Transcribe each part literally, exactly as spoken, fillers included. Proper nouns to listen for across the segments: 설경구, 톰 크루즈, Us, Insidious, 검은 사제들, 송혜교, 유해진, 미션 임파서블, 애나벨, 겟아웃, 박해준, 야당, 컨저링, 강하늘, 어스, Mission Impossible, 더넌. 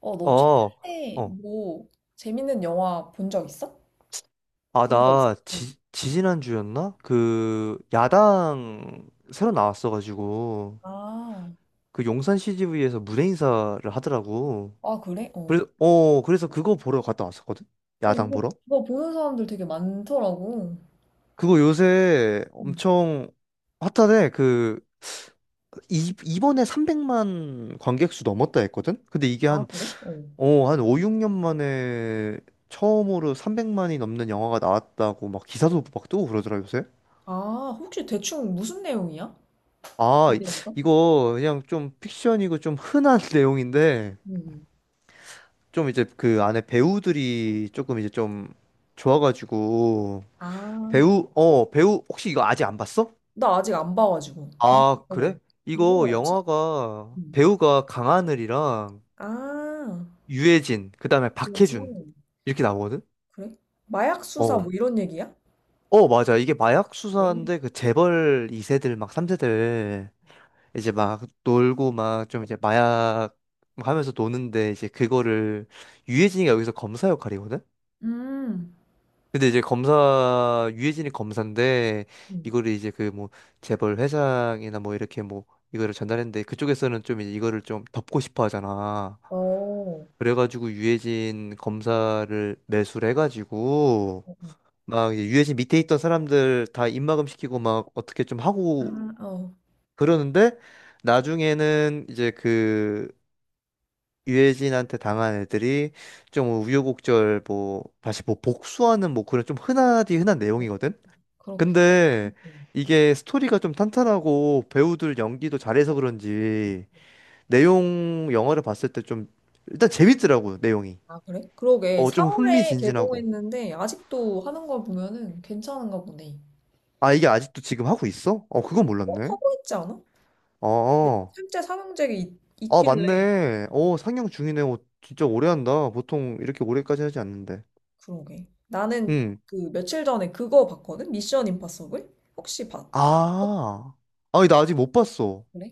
어, 어, 너 최근에 어. 뭐 재밌는 영화 본 적 있어? 아, 본 거 있어. 나 응. 지, 지지난주였나? 그 야당 새로 나왔어가지고 아, 그 용산 씨지비에서 무대 인사를 하더라고. 아 그래? 어. 그래서 어, 그래서 그거 보러 갔다 왔었거든? 어, 야당 요새 보러? 그거 보는 사람들 되게 많더라고. 그거 요새 응. 엄청 핫하대. 그 이, 이번에 삼백만 관객 수 넘었다 했거든? 근데 이게 아, 한, 그래? 어. 어, 한 오, 육 년 만에 처음으로 삼백만이 넘는 영화가 나왔다고 막 기사도 막 뜨고 그러더라, 요새. 아, 혹시 대충 무슨 내용이야? 아, 그 이- 대 이거? 이거 그냥 좀 픽션이고 좀 흔한 내용인데 음. 좀 이제 그 안에 배우들이 조금 이제 좀 좋아가지고 아, 배우 어 배우 혹시 이거 아직 안 봤어? 나 아직 안 봐가지고. 누구, 아, 어. 그래? 누구 이거 나오지? 영화가 응. 배우가 강하늘이랑 아, 유해진 그다음에 그래지 박해준 이렇게 나오거든? 그래? 마약 수사 어. 뭐 이런 얘기야? 어, 맞아. 이게 마약 네. 수사인데 그 재벌 이 세들 막 삼 세들 이제 막 놀고 막 좀 이제 마약 막 하면서 노는데 이제 그거를 유해진이가 여기서 검사 역할이거든? 음. 근데 이제 검사 유해진이 검사인데 응. 이거를 이제 그 뭐 재벌 회장이나 뭐 이렇게 뭐 이거를 전달했는데 그쪽에서는 좀 이제 이거를 좀 덮고 싶어 하잖아. 어. 어, 그래가지고 유해진 검사를 매수를 해가지고 어. 막 이제 유해진 밑에 있던 사람들 다 입막음 시키고 막 어떻게 좀 하고 아, 어. 그러는데 나중에는 이제 그 유해진한테 당한 애들이 좀 우유곡절 뭐 다시 뭐 복수하는 뭐 그런 좀 흔하디 흔한 내용이거든. 그렇구나. 근데 이게 스토리가 좀 탄탄하고 배우들 연기도 잘해서 그런지 내용 영화를 봤을 때 좀 일단 재밌더라고 내용이. 아, 그래? 그러게. 어 사 좀 사월에 흥미진진하고. 개봉했는데 아직도 하는 걸 보면은 괜찮은가 보네. 아 이게 아직도 지금 하고 있어? 어 그건 어, 몰랐네. 하고 있지 않아? 어. 어. 실제 삼형제가 있, 아 있길래. 맞네. 어 상영 중이네. 어, 진짜 오래 한다. 보통 이렇게 오래까지 하지 않는데. 그러게. 나는 응. 그 며칠 전에 그거 봤거든? 미션 임파서블? 혹시 봤? 아. 아니, 나 아직 못 봤어. 그래?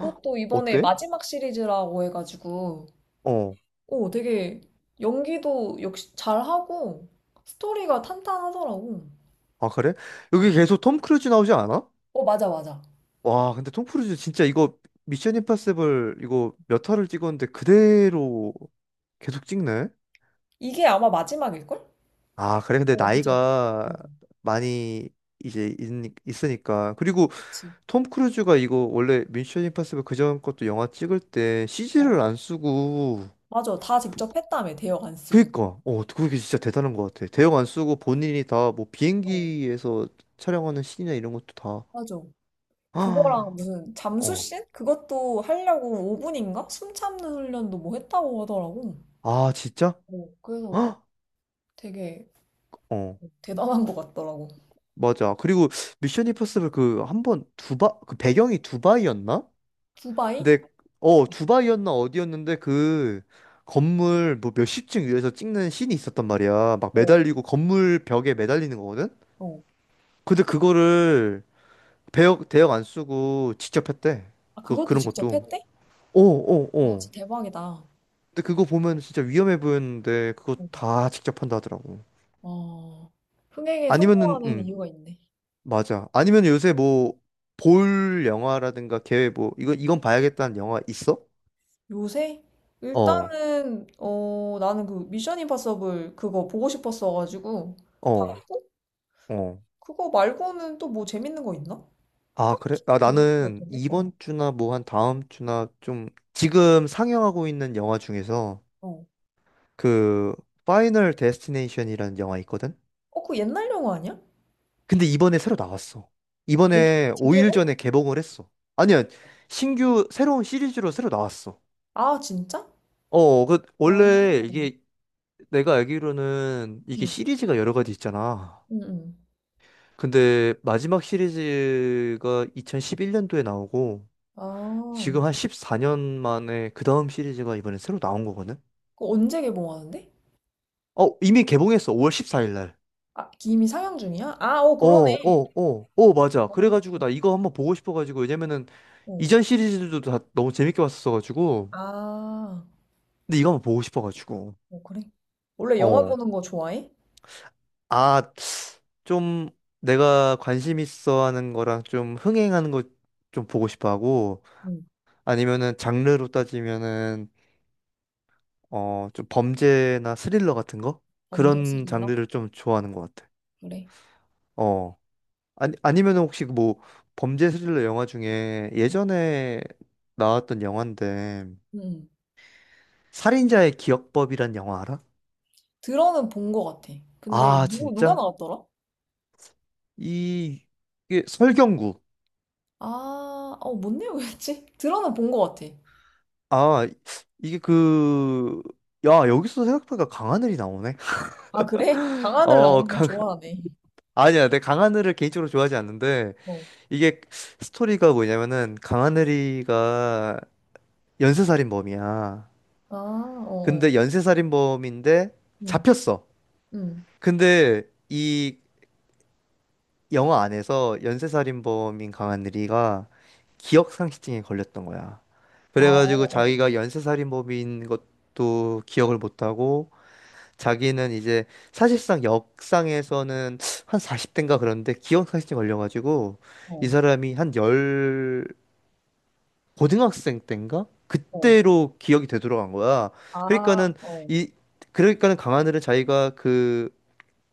헉, 이번에 어때? 마지막 시리즈라고 해가지고, 어. 오, 되게 연기도 역시 잘하고, 스토리가 탄탄하더라고. 아, 그래? 응. 여기 계속 톰 크루즈 나오지 않아? 어, 맞아, 맞아. 와, 근데 톰 크루즈 진짜 이거 미션 임파서블 이거 몇 화를 찍었는데 그대로 계속 찍네? 이게 아마 마지막일걸? 아, 그래. 근데 어, 이제. 나이가 응. 많이 이제 있, 있으니까. 그리고 그치. 톰 크루즈가 이거 원래 미션 임파서블 그전 것도 영화 찍을 때 어, 씨지를 안 쓰고 맞아. 다 직접 했다며, 대역 안 쓰고. 그니까, 어, 그게 진짜 대단한 것 같아. 대형 안 쓰고 본인이 다 뭐 어, 비행기에서 촬영하는 신이나 이런 것도 다. 맞아. 그거랑 아 무슨 어. 잠수신? 그것도 하려고 오 분인가? 숨 참는 훈련도 뭐 했다고 하더라고. 아, 진짜? 어, 그래서 헉! 되게 어. 대단한 것 같더라고. 맞아. 그리고 미션 임퍼서블 그 한 번 두바 그 배경이 두바이였나? 두바이? 근데 어, 두바이였나 어디였는데 그 건물 뭐 몇십 층 위에서 찍는 씬이 있었단 말이야. 막 어, 매달리고 건물 벽에 매달리는 거거든. 어. 근데 그거를 배역 대역 안 쓰고 직접 했대. 아, 그 그것도 그런 직접 것도. 했대? 어, 어, 와, 어. 진짜 대박이다. 근데 그거 보면 진짜 위험해 보였는데 그거 다 직접 한다 하더라고. 어, 흥행에 아니면은 성공하는 음. 이유가 있네. 맞아. 아니면 요새 뭐, 볼 영화라든가 계획 뭐, 이거, 이건 봐야겠다는 영화 있어? 요새? 어, 일단은, 어, 나는 그 미션 임파서블 그거 보고 싶었어가지고, 어, 봤고, 어. 그거 말고는 또 뭐 재밌는 거 있나? 아, 그래? 딱히 아, 없는 것 나는 같은데? 어, 이번 주나 뭐 한 다음 주나 좀, 지금 상영하고 있는 영화 중에서 어. 그, 파이널 데스티네이션이라는 영화 있거든? 어, 그 옛날 영화 아니야? 근데 이번에 새로 나왔어. 재개, 이번에 오 일 재개봉? 전에 개봉을 했어. 아니야, 신규, 새로운 시리즈로 새로 나왔어. 아, 진짜? 어, 그, 원래 아, 이게 내가 알기로는 이게 응, 시리즈가 여러 가지 있잖아. 응, 응. 근데 마지막 시리즈가 이천십일 년도에 나오고 아, 지금 한 십사 년 만에 그 다음 시리즈가 이번에 새로 나온 거거든? 그거 언제 개봉하는데? 어, 이미 개봉했어. 오월 십사 일 날. 아, 이미 상영 중이야? 아, 어, 어, 그러네. 어, 어, 어, 맞아. 그래가지고 나 이거 한번 보고 싶어가지고 왜냐면은 어. 이전 시리즈들도 다 너무 재밌게 봤었어가지고 아, 근데 이거 한번 보고 싶어가지고. 어, 그래. 원래 영화 어. 보는 거 좋아해? 아, 좀 내가 관심 있어 하는 거랑 좀 흥행하는 거 좀 보고 싶어 하고 응. 아니면은 장르로 따지면은 어, 좀 범죄나 스릴러 같은 거? 범죄 그런 스릴러? 장르를 좀 좋아하는 것 같아. 그래. 어. 아니, 아니면 혹시 그 뭐 범죄 스릴러 영화 중에 예전에 나왔던 영화인데 응. 응. 살인자의 기억법이란 영화 알아? 들어는 본 거 같아. 근데 아, 누구 누가 진짜? 나왔더라? 이, 이게 설경구. 아, 어, 뭔 내용이었지? 들어는 본 거 같아. 아, 이게 그, 야, 여기서 생각보다 강하늘이 나오네. 아, 그래? 강하늘 나오는 어, 걸건 강, 좋아하네. 아니야, 내 강하늘을 개인적으로 좋아하지 않는데, 어. 이게 스토리가 뭐냐면은 강하늘이가 연쇄살인범이야. 아, 어, 어. 근데 연쇄살인범인데 응, 잡혔어. 응. 근데 이 영화 안에서 연쇄살인범인 강하늘이가 기억상실증에 걸렸던 거야. 아, 그래가지고 어, 자기가 연쇄살인범인 것도 기억을 못하고 자기는 이제 사실상 역상에서는 한 사십 대인가 그런데 기억상실증 걸려가지고 이 어, 사람이 한열 고등학생 때인가? 어. 그때로 기억이 되돌아간 거야. 아, 그러니까는 어. 이 그러니까는 강하늘은 자기가 그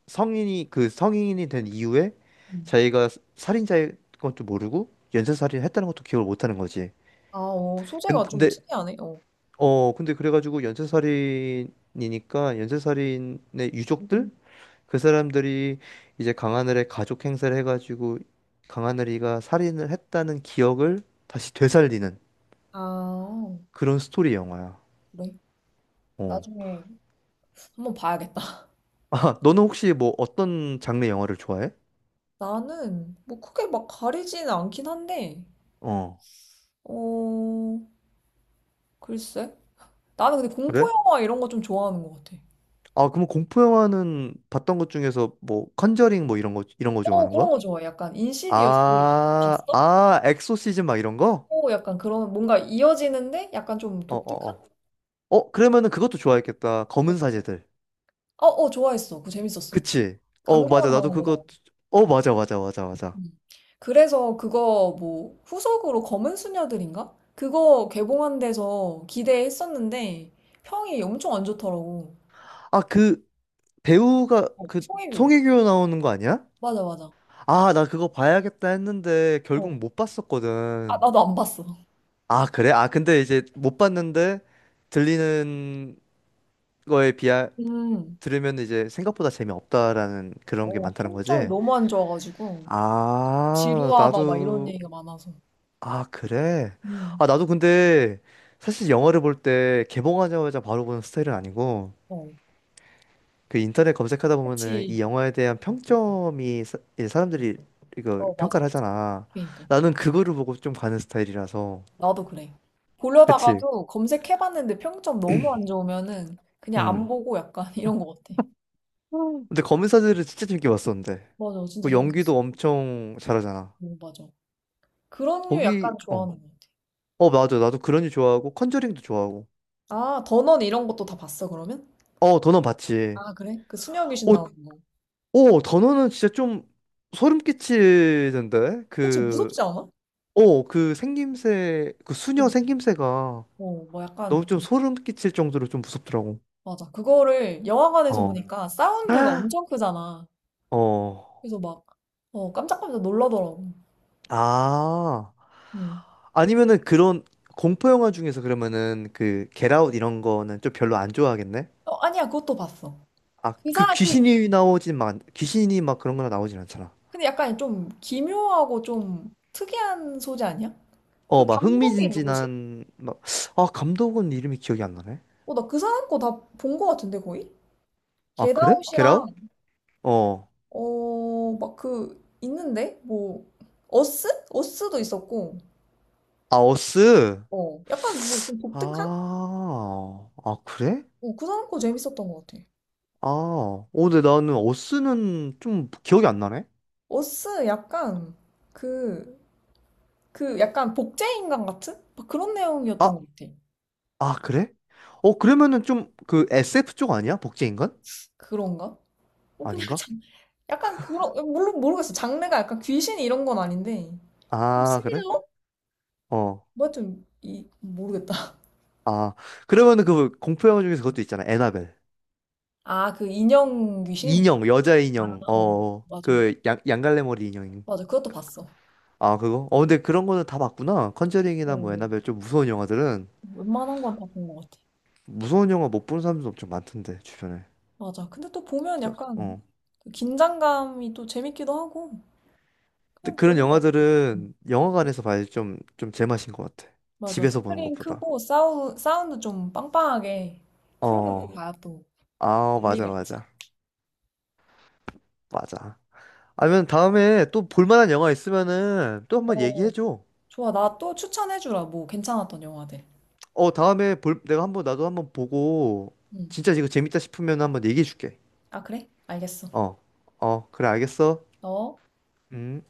성인이 그 성인이 된 이후에 응. 자기가 살인자인 것도 모르고 연쇄살인을 했다는 것도 기억을 못 하는 거지. 아, 어. 소재가 좀 근데 특이하네. 어. 어 근데 그래가지고 연쇄살인이니까 연쇄살인의 음. 유족들 그 사람들이 이제 강하늘의 가족 행세를 해가지고 강하늘이가 살인을 했다는 기억을 다시 되살리는 아, 그런 스토리 영화야. 그래. 어. 나중에 한번 봐야겠다. 아, 너는 혹시 뭐 어떤 장르 영화를 좋아해? 나는 뭐 크게 막 가리지는 않긴 한데, 어, 어, 글쎄. 나는 근데 공포 그래? 영화 이런 거 좀 좋아하는 것 같아. 아, 그럼 공포 영화는 봤던 것 중에서 뭐 컨저링 뭐 이런 거 이런 거 어, 좋아하는 거야? 그런 거 좋아해. 약간 인시디어스 아, 봤어? 아, 엑소시즘 막 이런 거? 어, 약간 그런 뭔가 이어지는데 약간 좀 어, 어, 독특한? 어. 어, 그러면은 그것도 좋아했겠다. 검은 사제들. 어, 어, 좋아했어. 그거 재밌었어. 그치? 어, 맞아. 강동원 나도 나오는 거잖아. 그거. 어, 맞아, 맞아, 맞아, 맞아. 음. 그래서 그거 뭐 후속으로 검은 수녀들인가? 그거 개봉한 데서 기대했었는데 평이 엄청 안 좋더라고. 아, 그 배우가 어, 그 송혜교. 송혜교 나오는 거 아니야? 맞아, 맞아. 아, 나 그거 봐야겠다 했는데 결국 어. 못 아, 봤었거든. 나도 안 봤어. 아, 그래? 아, 근데 이제 못 봤는데 들리는 거에 비하 음. 들으면 이제 생각보다 재미없다라는 그런 게 어, 많다는 평점이 거지? 너무 안 좋아가지고 아, 지루하다 막 이런 나도. 얘기가 많아서. 아, 그래? 음. 아, 나도 근데 사실 영화를 볼 때 개봉하자마자 바로 보는 스타일은 아니고 어. 그 인터넷 검색하다 보면은 그치. 이 영화에 대한 평점이 사, 이제 사람들이 이거 어, 맞아, 평가를 맞아. 하잖아. 그러니까. 나는 그거를 보고 좀 가는 스타일이라서. 나도 그래. 그치? 보려다가도 검색해봤는데 평점 너무 안 좋으면은 그냥 안 음. 보고 약간 이런 것 같아. 근데 검은사제를 진짜 재밌게 봤었는데. 맞아, 진짜 그 연기도 재밌었어. 엄청 잘하잖아. 오, 맞아. 그런 류 거기 약간 어. 좋아하는 것 같아. 어, 맞아. 나도 그런지 좋아하고 컨저링도 좋아하고. 아, 더넌 이런 것도 다 봤어, 그러면? 어, 더넌 봤지. 아, 그래? 그 수녀 귀신 어, 나오는 거. 어, 더넌은 진짜 좀 소름 끼치던데. 그치, 그 무섭지 않아? 어, 그 생김새, 그 수녀 응. 생김새가 어, 뭐 너무 약간 좀 좀, 소름 끼칠 정도로 좀 무섭더라고. 맞아. 그거를 영화관에서 어. 보니까 사운드가 엄청 크잖아. 어. 그래서 막, 어, 깜짝깜짝 놀라더라고. 아. 응. 아니면은 그런 공포 영화 중에서 그러면은 그 겟아웃 이런 거는 좀 별로 안 좋아하겠네. 어, 아니야, 그것도 봤어. 아, 그 그 사람, 그, 귀신이 나오진 막 귀신이 막 그런 거나 나오진 않잖아. 근데 약간 좀 기묘하고 좀 특이한 소재 아니야? 어, 그 막 감독이 누구지? 흥미진진한 막. 아, 감독은 이름이 기억이 안 나네. 어, 나 그 사람 거 다 본 거 같은데, 거의? 아, 그래? 겟아웃이랑, 겟아웃? 어. 어, 막 그, 있는데? 뭐, 어스? 어스도 있었고, 아, 어스. 어. 약간 뭐 좀 독특한? 아. 아, 그래? 어, 그 사람 거 재밌었던 것 같아. 아. 어, 근데 나는 어스는 좀 기억이 안 나네. 어스 약간, 그, 그 약간 복제인간 같은? 막 그런 내용이었던 아, 것 같아. 아, 그래? 어, 그러면은 좀 그 에스에프 쪽 아니야? 복제인간? 그런가? 어, 그냥 아닌가? 장 약간 그런, 어, 물론 모르겠어. 장르가 약간 귀신 이런 건 아닌데, 좀 아, 그래? 스릴러? 어. 뭐 좀, 이, 모르겠다. 아. 그러면은 그 공포 영화 중에서 그것도 있잖아. 애나벨. 아, 그 인형 귀신? 인형, 여자 아, 인형. 어, 어. 맞아. 그 양, 양갈래 머리 인형. 맞아. 그것도 봤어. 아, 그거? 어, 근데 그런 거는 다 봤구나. 컨저링이나 어, 뭐 애나벨 좀 무서운 영화들은. 웬만한 건 다 본 것 같아. 무서운 영화 못 보는 사람도 엄청 많던데 주변에. 맞아. 근데 또 보면 그죠? 약간 어. 그 긴장감이 또 재밌기도 하고, 근데 그냥 그런 보는 것 같아. 영화들은 음. 영화관에서 봐야 좀 좀 제맛인 것 같아. 맞아. 집에서 보는 스크린 것보다. 크고 사우, 사운드 좀 빵빵하게 틀어놓고 음, 어. 봐야 또 아, 맞아, 의미가 있지. 맞아, 맞아. 아니면 다음에 또 볼만한 영화 있으면은 또 한번 어, 얘기해줘. 좋아. 나 또 추천해주라. 뭐 괜찮았던 영화들. 어, 다음에 볼 내가 한번 나도 한번 보고 응. 진짜 이거 재밌다 싶으면 한번 얘기해줄게. 아, 그래? 알겠어. 어, 어, 그래 알겠어. 어? 음.